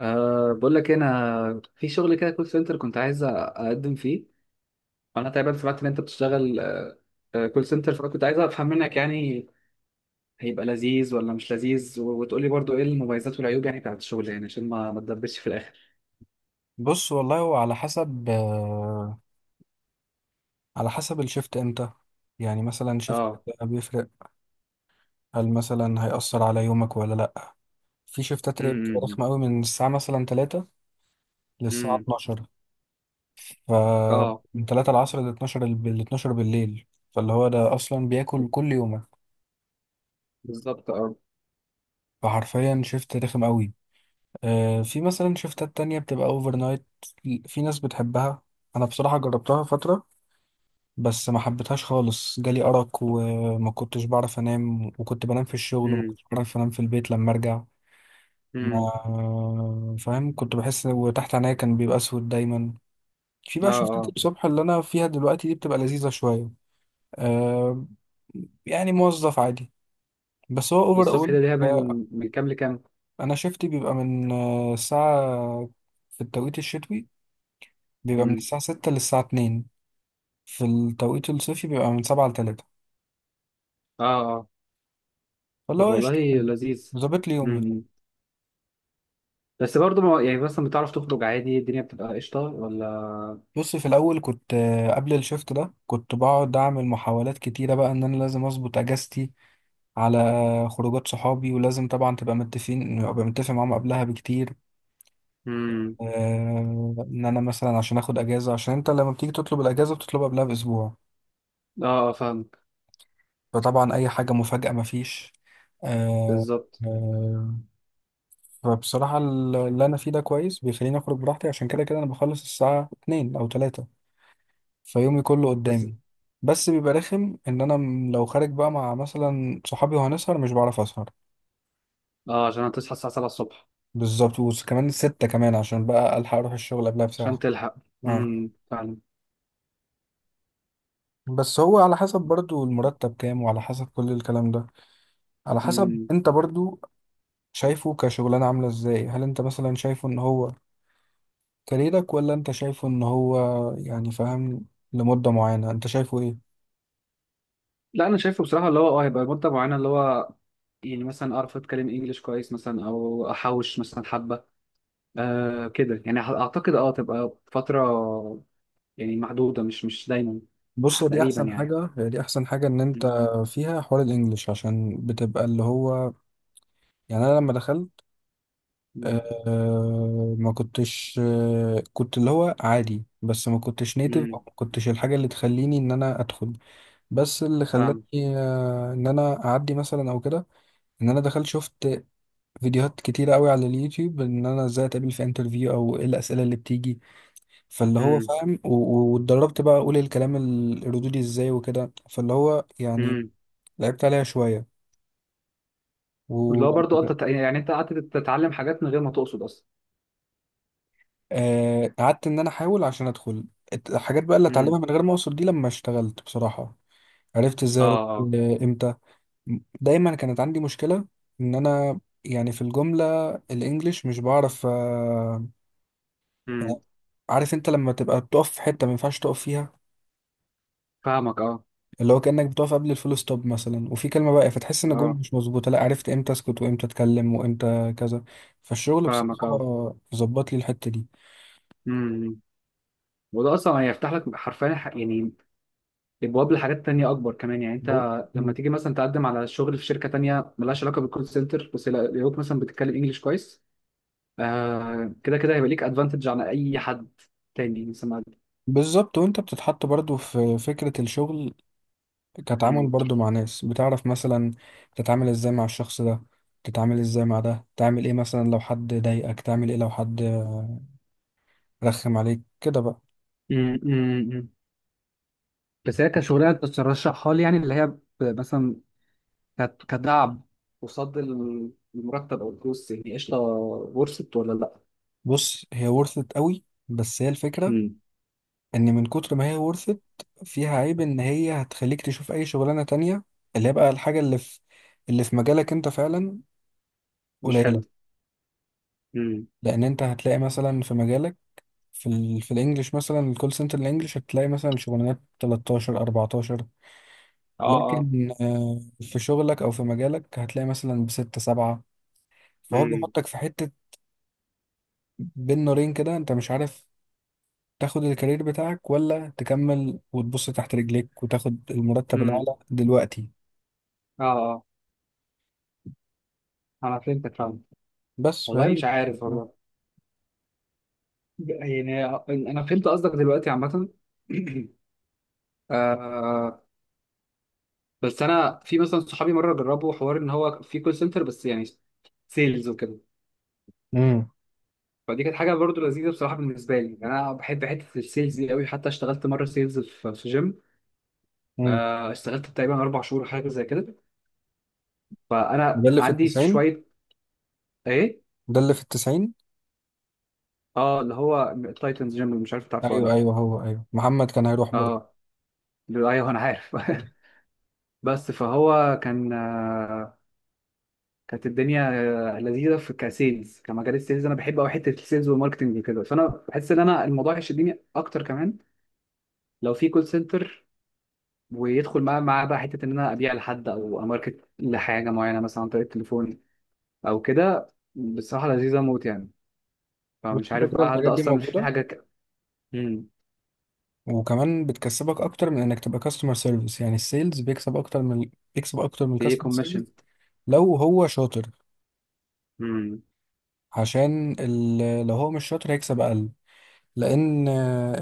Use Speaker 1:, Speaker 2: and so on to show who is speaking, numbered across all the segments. Speaker 1: بقول لك إيه، انا في شغل كده كول سنتر كنت عايز اقدم فيه. وانا تقريبا سمعت ان انت بتشتغل كول سنتر، فانا كنت عايز افهم منك يعني هيبقى لذيذ ولا مش لذيذ، و- وتقول لي برضو ايه المميزات والعيوب يعني بتاعت الشغل، يعني عشان ما تدبسش في الاخر.
Speaker 2: بص، والله هو على حسب الشفت امتى. يعني مثلا شفت،
Speaker 1: اه.
Speaker 2: بيفرق. هل مثلا هيأثر على يومك ولا لأ؟ في شفتات اللي بتبقى
Speaker 1: امم.
Speaker 2: رخمة قوي من الساعة مثلا 3 للساعة
Speaker 1: امم.
Speaker 2: 12. ف
Speaker 1: اه.
Speaker 2: من 3 العصر ل 12 بالليل. فاللي هو ده أصلا بياكل كل يومك.
Speaker 1: بالظبط اه.
Speaker 2: فحرفيا شفت رخم قوي. في مثلا شفتات تانية بتبقى اوفر نايت. في ناس بتحبها. أنا بصراحة جربتها فترة، بس ما حبيتهاش خالص. جالي أرق وما كنتش بعرف أنام، وكنت بنام في الشغل، وما
Speaker 1: امم.
Speaker 2: كنتش بعرف أنام في البيت لما أرجع.
Speaker 1: امم.
Speaker 2: ما فاهم، كنت بحس وتحت عينيا كان بيبقى أسود دايما. في
Speaker 1: اه
Speaker 2: بقى شفتات
Speaker 1: اه.
Speaker 2: الصبح اللي أنا فيها دلوقتي دي، بتبقى لذيذة شوية. آه يعني موظف عادي. بس هو أوفر
Speaker 1: الصبح
Speaker 2: أول.
Speaker 1: ده ليها
Speaker 2: آه
Speaker 1: من كام لكام؟
Speaker 2: أنا شفتي بيبقى من الساعة، في التوقيت الشتوي بيبقى من
Speaker 1: امم.
Speaker 2: الساعة 6 للساعة 2. في التوقيت الصيفي بيبقى من 7 لتلاتة.
Speaker 1: اه اه.
Speaker 2: فاللي
Speaker 1: طب
Speaker 2: هو
Speaker 1: والله
Speaker 2: قشطة يعني.
Speaker 1: لذيذ.
Speaker 2: ظابط لي يومي.
Speaker 1: امم. بس برضو ما يعني مثلا بتعرف تخرج عادي، الدنيا بتبقى قشطه ولا؟
Speaker 2: بص، في الاول كنت قبل الشفت ده كنت بقعد اعمل محاولات كتيره بقى ان انا لازم اظبط اجازتي على خروجات صحابي. ولازم طبعا تبقى متفقين، ابقى متفق معاهم قبلها بكتير.
Speaker 1: امم.
Speaker 2: ان انا مثلا عشان اخد اجازه، عشان انت لما بتيجي تطلب الاجازه بتطلبها قبلها باسبوع.
Speaker 1: اه. آه، فاهم.
Speaker 2: فطبعا اي حاجه مفاجاه مفيش. آه،
Speaker 1: بالظبط.
Speaker 2: آه، فبصراحه اللي انا فيه ده كويس، بيخليني اخرج براحتي عشان كده كده انا بخلص الساعه 2 او 3. فيومي كله
Speaker 1: بس
Speaker 2: قدامي. بس بيبقى رخم ان انا لو خارج بقى مع مثلا صحابي وهنسهر مش بعرف اسهر.
Speaker 1: اه عشان هتصحى الساعة 7 الصبح
Speaker 2: بالظبط، وكمان ستة كمان عشان بقى الحق اروح الشغل قبلها
Speaker 1: عشان
Speaker 2: بساعة
Speaker 1: تلحق.
Speaker 2: آه.
Speaker 1: فعلا.
Speaker 2: بس هو على حسب برضو المرتب كام، وعلى حسب كل الكلام ده، على حسب
Speaker 1: امم.
Speaker 2: انت برضو شايفه كشغلانة عاملة ازاي. هل انت مثلا شايفه ان هو كاريرك، ولا انت شايفه ان هو يعني فاهم، لمدة معينة، انت شايفه ايه؟
Speaker 1: لا انا شايفه بصراحة اللي هو هيبقى مدة معينة، اللي هو يعني مثلا اعرف اتكلم انجليش كويس مثلا، او احوش مثلا حبة. كده يعني، اعتقد تبقى فترة يعني محدودة، مش دايما
Speaker 2: بص، دي
Speaker 1: تقريبا
Speaker 2: احسن
Speaker 1: يعني.
Speaker 2: حاجة، دي احسن حاجة ان انت فيها حوار الانجليش، عشان بتبقى اللي هو يعني. انا لما دخلت
Speaker 1: امم.
Speaker 2: ما كنتش كنت اللي هو عادي، بس ما كنتش نيتف،
Speaker 1: امم
Speaker 2: او ما كنتش الحاجه اللي تخليني ان انا ادخل. بس اللي خلاني
Speaker 1: فاهم.
Speaker 2: ان انا اعدي مثلا او كده. ان انا دخلت شفت فيديوهات كتيره قوي على اليوتيوب، ان انا ازاي اتقابل في انترفيو او ايه الاسئله اللي بتيجي. فاللي هو
Speaker 1: امم.
Speaker 2: فاهم، واتدربت بقى اقول الكلام الردودي ازاي وكده. فاللي هو يعني
Speaker 1: امم.
Speaker 2: لعبت عليها شويه.
Speaker 1: اللي هو برضه انت يعني انت قعدت تتعلم حاجات من غير ما تقصد اصلا.
Speaker 2: قعدت ان انا احاول عشان ادخل الحاجات بقى اللي اتعلمها
Speaker 1: امم.
Speaker 2: من غير ما اوصل دي. لما اشتغلت بصراحة، عرفت
Speaker 1: اه
Speaker 2: ازاي ارد
Speaker 1: اه.
Speaker 2: امتى. دايما كانت عندي مشكلة ان انا يعني في الجملة الانجليش مش بعرف يعني،
Speaker 1: امم
Speaker 2: عارف انت لما تبقى بتقف في حتة ما ينفعش تقف فيها،
Speaker 1: فاهمك اه.
Speaker 2: اللي هو كأنك بتقف قبل الفول ستوب مثلا وفي كلمة بقى، فتحس ان الجملة
Speaker 1: اه
Speaker 2: مش مظبوطة. لا، عرفت امتى اسكت وامتى اتكلم وامتى كذا. فالشغل
Speaker 1: فاهمك اه.
Speaker 2: بصراحة ظبط لي الحتة
Speaker 1: امم. امم. وده اصلا هيفتح لك حرفيا يعني ابواب لحاجات تانية اكبر كمان، يعني انت
Speaker 2: دي.
Speaker 1: لما تيجي مثلا تقدم على شغل في شركه تانية ملهاش علاقه بالكول سنتر، بس يلاقوك مثلا بتتكلم انجليش كويس، كده كده هيبقى ليك ادفانتج عن اي حد تاني مثلا مقدم.
Speaker 2: بالظبط، وانت بتتحط برضو في فكرة الشغل، كتعامل
Speaker 1: امم.
Speaker 2: برضو مع ناس، بتعرف مثلا تتعامل ازاي مع الشخص ده، تتعامل ازاي مع ده، تعمل ايه مثلا لو حد ضايقك، تعمل ايه لو حد رخم عليك كده بقى.
Speaker 1: امم. امم. بس هي كشغلانه ترشحها لي يعني، اللي هي مثلا كدعم قصاد المرتب او الفلوس، يعني قشطه ورثت ولا لا؟
Speaker 2: بص، هي ورثت قوي، بس هي الفكرة
Speaker 1: امم.
Speaker 2: ان من كتر ما هي ورثت فيها عيب ان هي هتخليك تشوف اي شغلانة تانية، اللي هي بقى الحاجة اللي في مجالك انت فعلا،
Speaker 1: مش
Speaker 2: قليلة.
Speaker 1: حلو. امم.
Speaker 2: لان انت هتلاقي مثلا في مجالك في الانجليش مثلا الكول سنتر الانجليش هتلاقي مثلا شغلانات 13 14.
Speaker 1: اه اه.
Speaker 2: لكن في شغلك او في مجالك هتلاقي مثلا بستة سبعة. فهو
Speaker 1: امم.
Speaker 2: بيحطك في حتة بين نارين كده، انت مش عارف تاخد الكارير بتاعك ولا تكمل وتبص تحت رجليك وتاخد المرتب
Speaker 1: امم.
Speaker 2: الاعلى دلوقتي.
Speaker 1: اه اه. انا فهمتك، فاهم.
Speaker 2: بس
Speaker 1: والله
Speaker 2: فهي.
Speaker 1: مش عارف والله، يعني انا فهمت قصدك دلوقتي عامه. آه بس انا في مثلا صحابي مره جربوا حوار ان هو في كول سنتر، بس يعني سيلز وكده.
Speaker 2: امم
Speaker 1: فدي كانت حاجه برضو لذيذه بصراحه بالنسبه لي، يعني انا بحب حته السيلز دي قوي، حتى اشتغلت مره سيلز في جيم.
Speaker 2: امم
Speaker 1: اشتغلت تقريبا 4 شهور حاجه زي كده،
Speaker 2: ده
Speaker 1: فانا
Speaker 2: اللي في
Speaker 1: عندي
Speaker 2: التسعين.
Speaker 1: شويه. ايه؟
Speaker 2: ده اللي في التسعين.
Speaker 1: اه اللي هو تايتنز جيم، مش عارف تعرفه ولا
Speaker 2: ايوه،
Speaker 1: لا؟
Speaker 2: ايوه، هو ايوه، محمد كان هيروح برضه.
Speaker 1: اه ايوه انا عارف. بس فهو كان، كانت الدنيا لذيذه في كسيلز، كمجال السيلز انا بحب قوي حته السيلز والماركتنج وكده، فانا بحس ان انا الموضوع يشدني اكتر كمان لو في كول سنتر، ويدخل معاه بقى حته ان انا ابيع لحد او اماركت لحاجه معينه مثلا عن طريق التليفون او كده، بصراحه لذيذه موت يعني.
Speaker 2: بص،
Speaker 1: فمش
Speaker 2: كده
Speaker 1: عارف
Speaker 2: كده
Speaker 1: بقى هل
Speaker 2: الحاجات
Speaker 1: ده
Speaker 2: دي
Speaker 1: اصلا مش في
Speaker 2: موجودة،
Speaker 1: حاجه امم.
Speaker 2: وكمان بتكسبك اكتر من انك تبقى كاستمر سيرفيس. يعني السيلز بيكسب اكتر من
Speaker 1: في
Speaker 2: الكاستمر سيرفيس
Speaker 1: كوميشن.
Speaker 2: لو هو شاطر.
Speaker 1: امم.
Speaker 2: لو هو مش شاطر هيكسب اقل. لان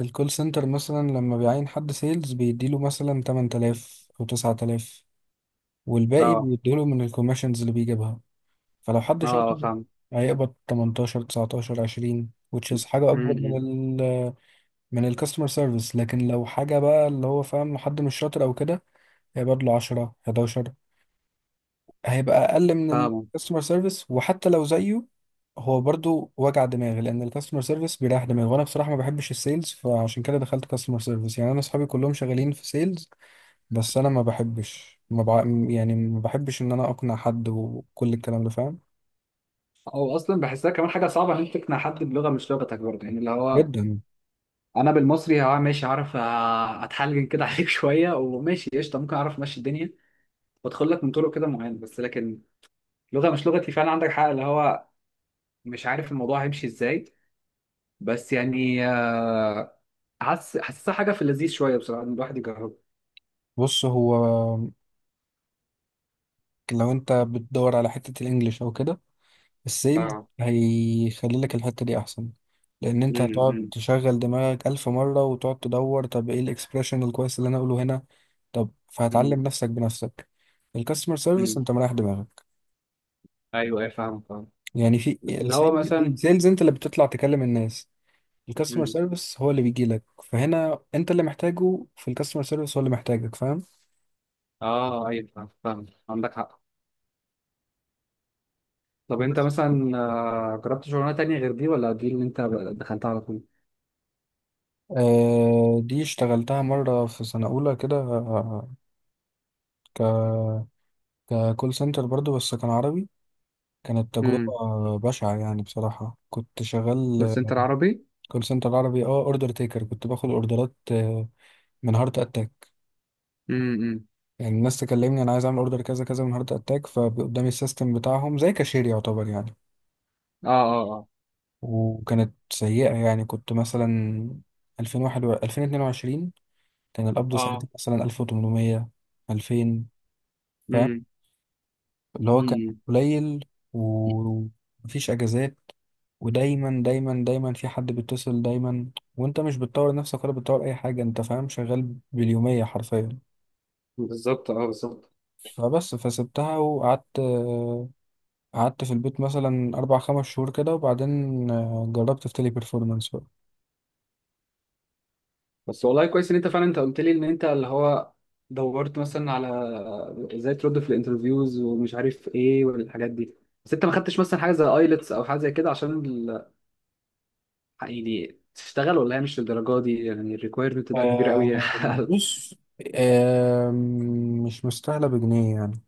Speaker 2: الكول سنتر مثلا لما بيعين حد سيلز بيديله مثلا 8000 او 9000، والباقي
Speaker 1: اه
Speaker 2: بيديله من الكوميشنز اللي بيجيبها. فلو حد
Speaker 1: اه
Speaker 2: شاطر
Speaker 1: فاهم.
Speaker 2: هيقبض 18 19 20، which is حاجة أكبر من
Speaker 1: امم
Speaker 2: ال من الكاستمر سيرفيس. لكن لو حاجة بقى اللي هو فاهم، لو حد مش شاطر أو كده هيبقى له 10 11، هيبقى اقل من
Speaker 1: فاهمه.
Speaker 2: الكاستمر سيرفيس. وحتى لو زيه، هو برضو وجع دماغ، لان الكاستمر سيرفيس بيريح دماغ. وانا بصراحه ما بحبش السيلز، فعشان كده دخلت كاستمر سيرفيس. يعني انا اصحابي كلهم شغالين في سيلز، بس انا ما بحبش ما بع... يعني ما بحبش ان انا اقنع حد وكل الكلام ده، فاهم؟
Speaker 1: او اصلا بحسها كمان حاجه صعبه ان انت تقنع حد بلغه مش لغتك برضه، يعني اللي هو
Speaker 2: جدا.
Speaker 1: انا بالمصري اه ماشي، عارف آه، اتحلجن كده عليك شويه وماشي قشطه، ممكن اعرف امشي الدنيا وادخل لك من طرق كده معينه. بس لكن لغه مش لغتي فعلا، عندك حق اللي هو مش عارف الموضوع هيمشي ازاي. بس يعني حاسسها حاجه في اللذيذ شويه بصراحه ان الواحد يجربها.
Speaker 2: بص، هو لو انت بتدور على حته الانجليش او كده، السيل
Speaker 1: اه.
Speaker 2: هيخلي لك الحتة دي أحسن، لأن أنت
Speaker 1: مم،
Speaker 2: هتقعد
Speaker 1: مم،
Speaker 2: تشغل دماغك ألف مرة وتقعد تدور طب إيه الإكسبريشن الكويس اللي أنا أقوله هنا. طب
Speaker 1: مم،
Speaker 2: فهتعلم نفسك بنفسك. الكاستمر سيرفيس
Speaker 1: مم.
Speaker 2: أنت مريح دماغك.
Speaker 1: ايوه ايوه فاهم فاهم.
Speaker 2: يعني في
Speaker 1: اللي هو مثلا.
Speaker 2: السيلز أنت اللي بتطلع تكلم الناس، الكاستمر
Speaker 1: مم.
Speaker 2: سيرفيس هو اللي بيجي لك. فهنا أنت اللي محتاجه، في الكاستمر سيرفيس هو اللي محتاجك، فاهم؟
Speaker 1: اه ايوه فاهم فاهم، عندك حق. طب انت
Speaker 2: بس
Speaker 1: مثلا جربت شغلانه تانية غير دي، ولا دي اللي انت دخلتها على طول؟
Speaker 2: دي اشتغلتها مرة في سنة أولى كده، آه، ك ككول سنتر برضو بس كان عربي. كانت تجربة
Speaker 1: امم.
Speaker 2: بشعة، يعني بصراحة كنت
Speaker 1: كول
Speaker 2: شغال
Speaker 1: سنتر عربي.
Speaker 2: كول سنتر عربي. اه اوردر تيكر، كنت باخد اوردرات من هارت اتاك.
Speaker 1: امم. امم.
Speaker 2: يعني الناس تكلمني انا عايز اعمل اوردر كذا كذا من هارت اتاك، فقدامي السيستم بتاعهم زي كاشير يعتبر يعني.
Speaker 1: اه اه اه.
Speaker 2: وكانت سيئة يعني. كنت مثلا 2021 2022 كان القبض
Speaker 1: اه.
Speaker 2: ساعتها مثلا 1800 2000، فاهم،
Speaker 1: امم.
Speaker 2: اللي هو
Speaker 1: امم.
Speaker 2: كان
Speaker 1: امم.
Speaker 2: قليل. ومفيش اجازات، ودايما دايما دايما في حد بيتصل دايما. وانت مش بتطور نفسك ولا بتطور اي حاجه، انت فاهم، شغال باليوميه حرفيا.
Speaker 1: بالظبط اه بالظبط.
Speaker 2: فبس، فسبتها وقعدت قعدت في البيت مثلا اربع خمس شهور كده، وبعدين جربت في تيلي بيرفورمانس بقى.
Speaker 1: بس والله كويس ان انت فعلا، انت قلت لي ان انت اللي هو دورت مثلا على ازاي ترد في الانترفيوز ومش عارف ايه والحاجات دي. بس انت ما خدتش مثلا حاجه زي ايلتس او حاجه زي كده عشان يعني تشتغل، ولا هي مش للدرجه دي، يعني الريكويرمنت ده كبير قوي؟
Speaker 2: بص آه، مش مستاهله بجنيه يعني.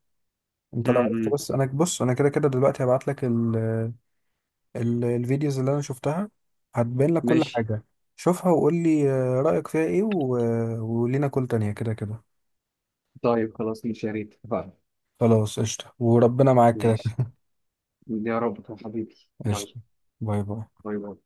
Speaker 2: انت لو عرفت
Speaker 1: امم.
Speaker 2: بس، انا بص انا كده كده دلوقتي هبعت لك الفيديوز اللي انا شفتها، هتبين لك كل
Speaker 1: ماشي.
Speaker 2: حاجة. شوفها وقول لي رأيك فيها ايه و... آه، ولينا كل تانية كده كده.
Speaker 1: طيب خلاص ماشي يا ريت اتفقنا.
Speaker 2: خلاص، قشطة، وربنا معاك كده
Speaker 1: ماشي.
Speaker 2: كده.
Speaker 1: يا رب يا حبيبي. يلا.
Speaker 2: قشطة. باي باي.
Speaker 1: باي باي.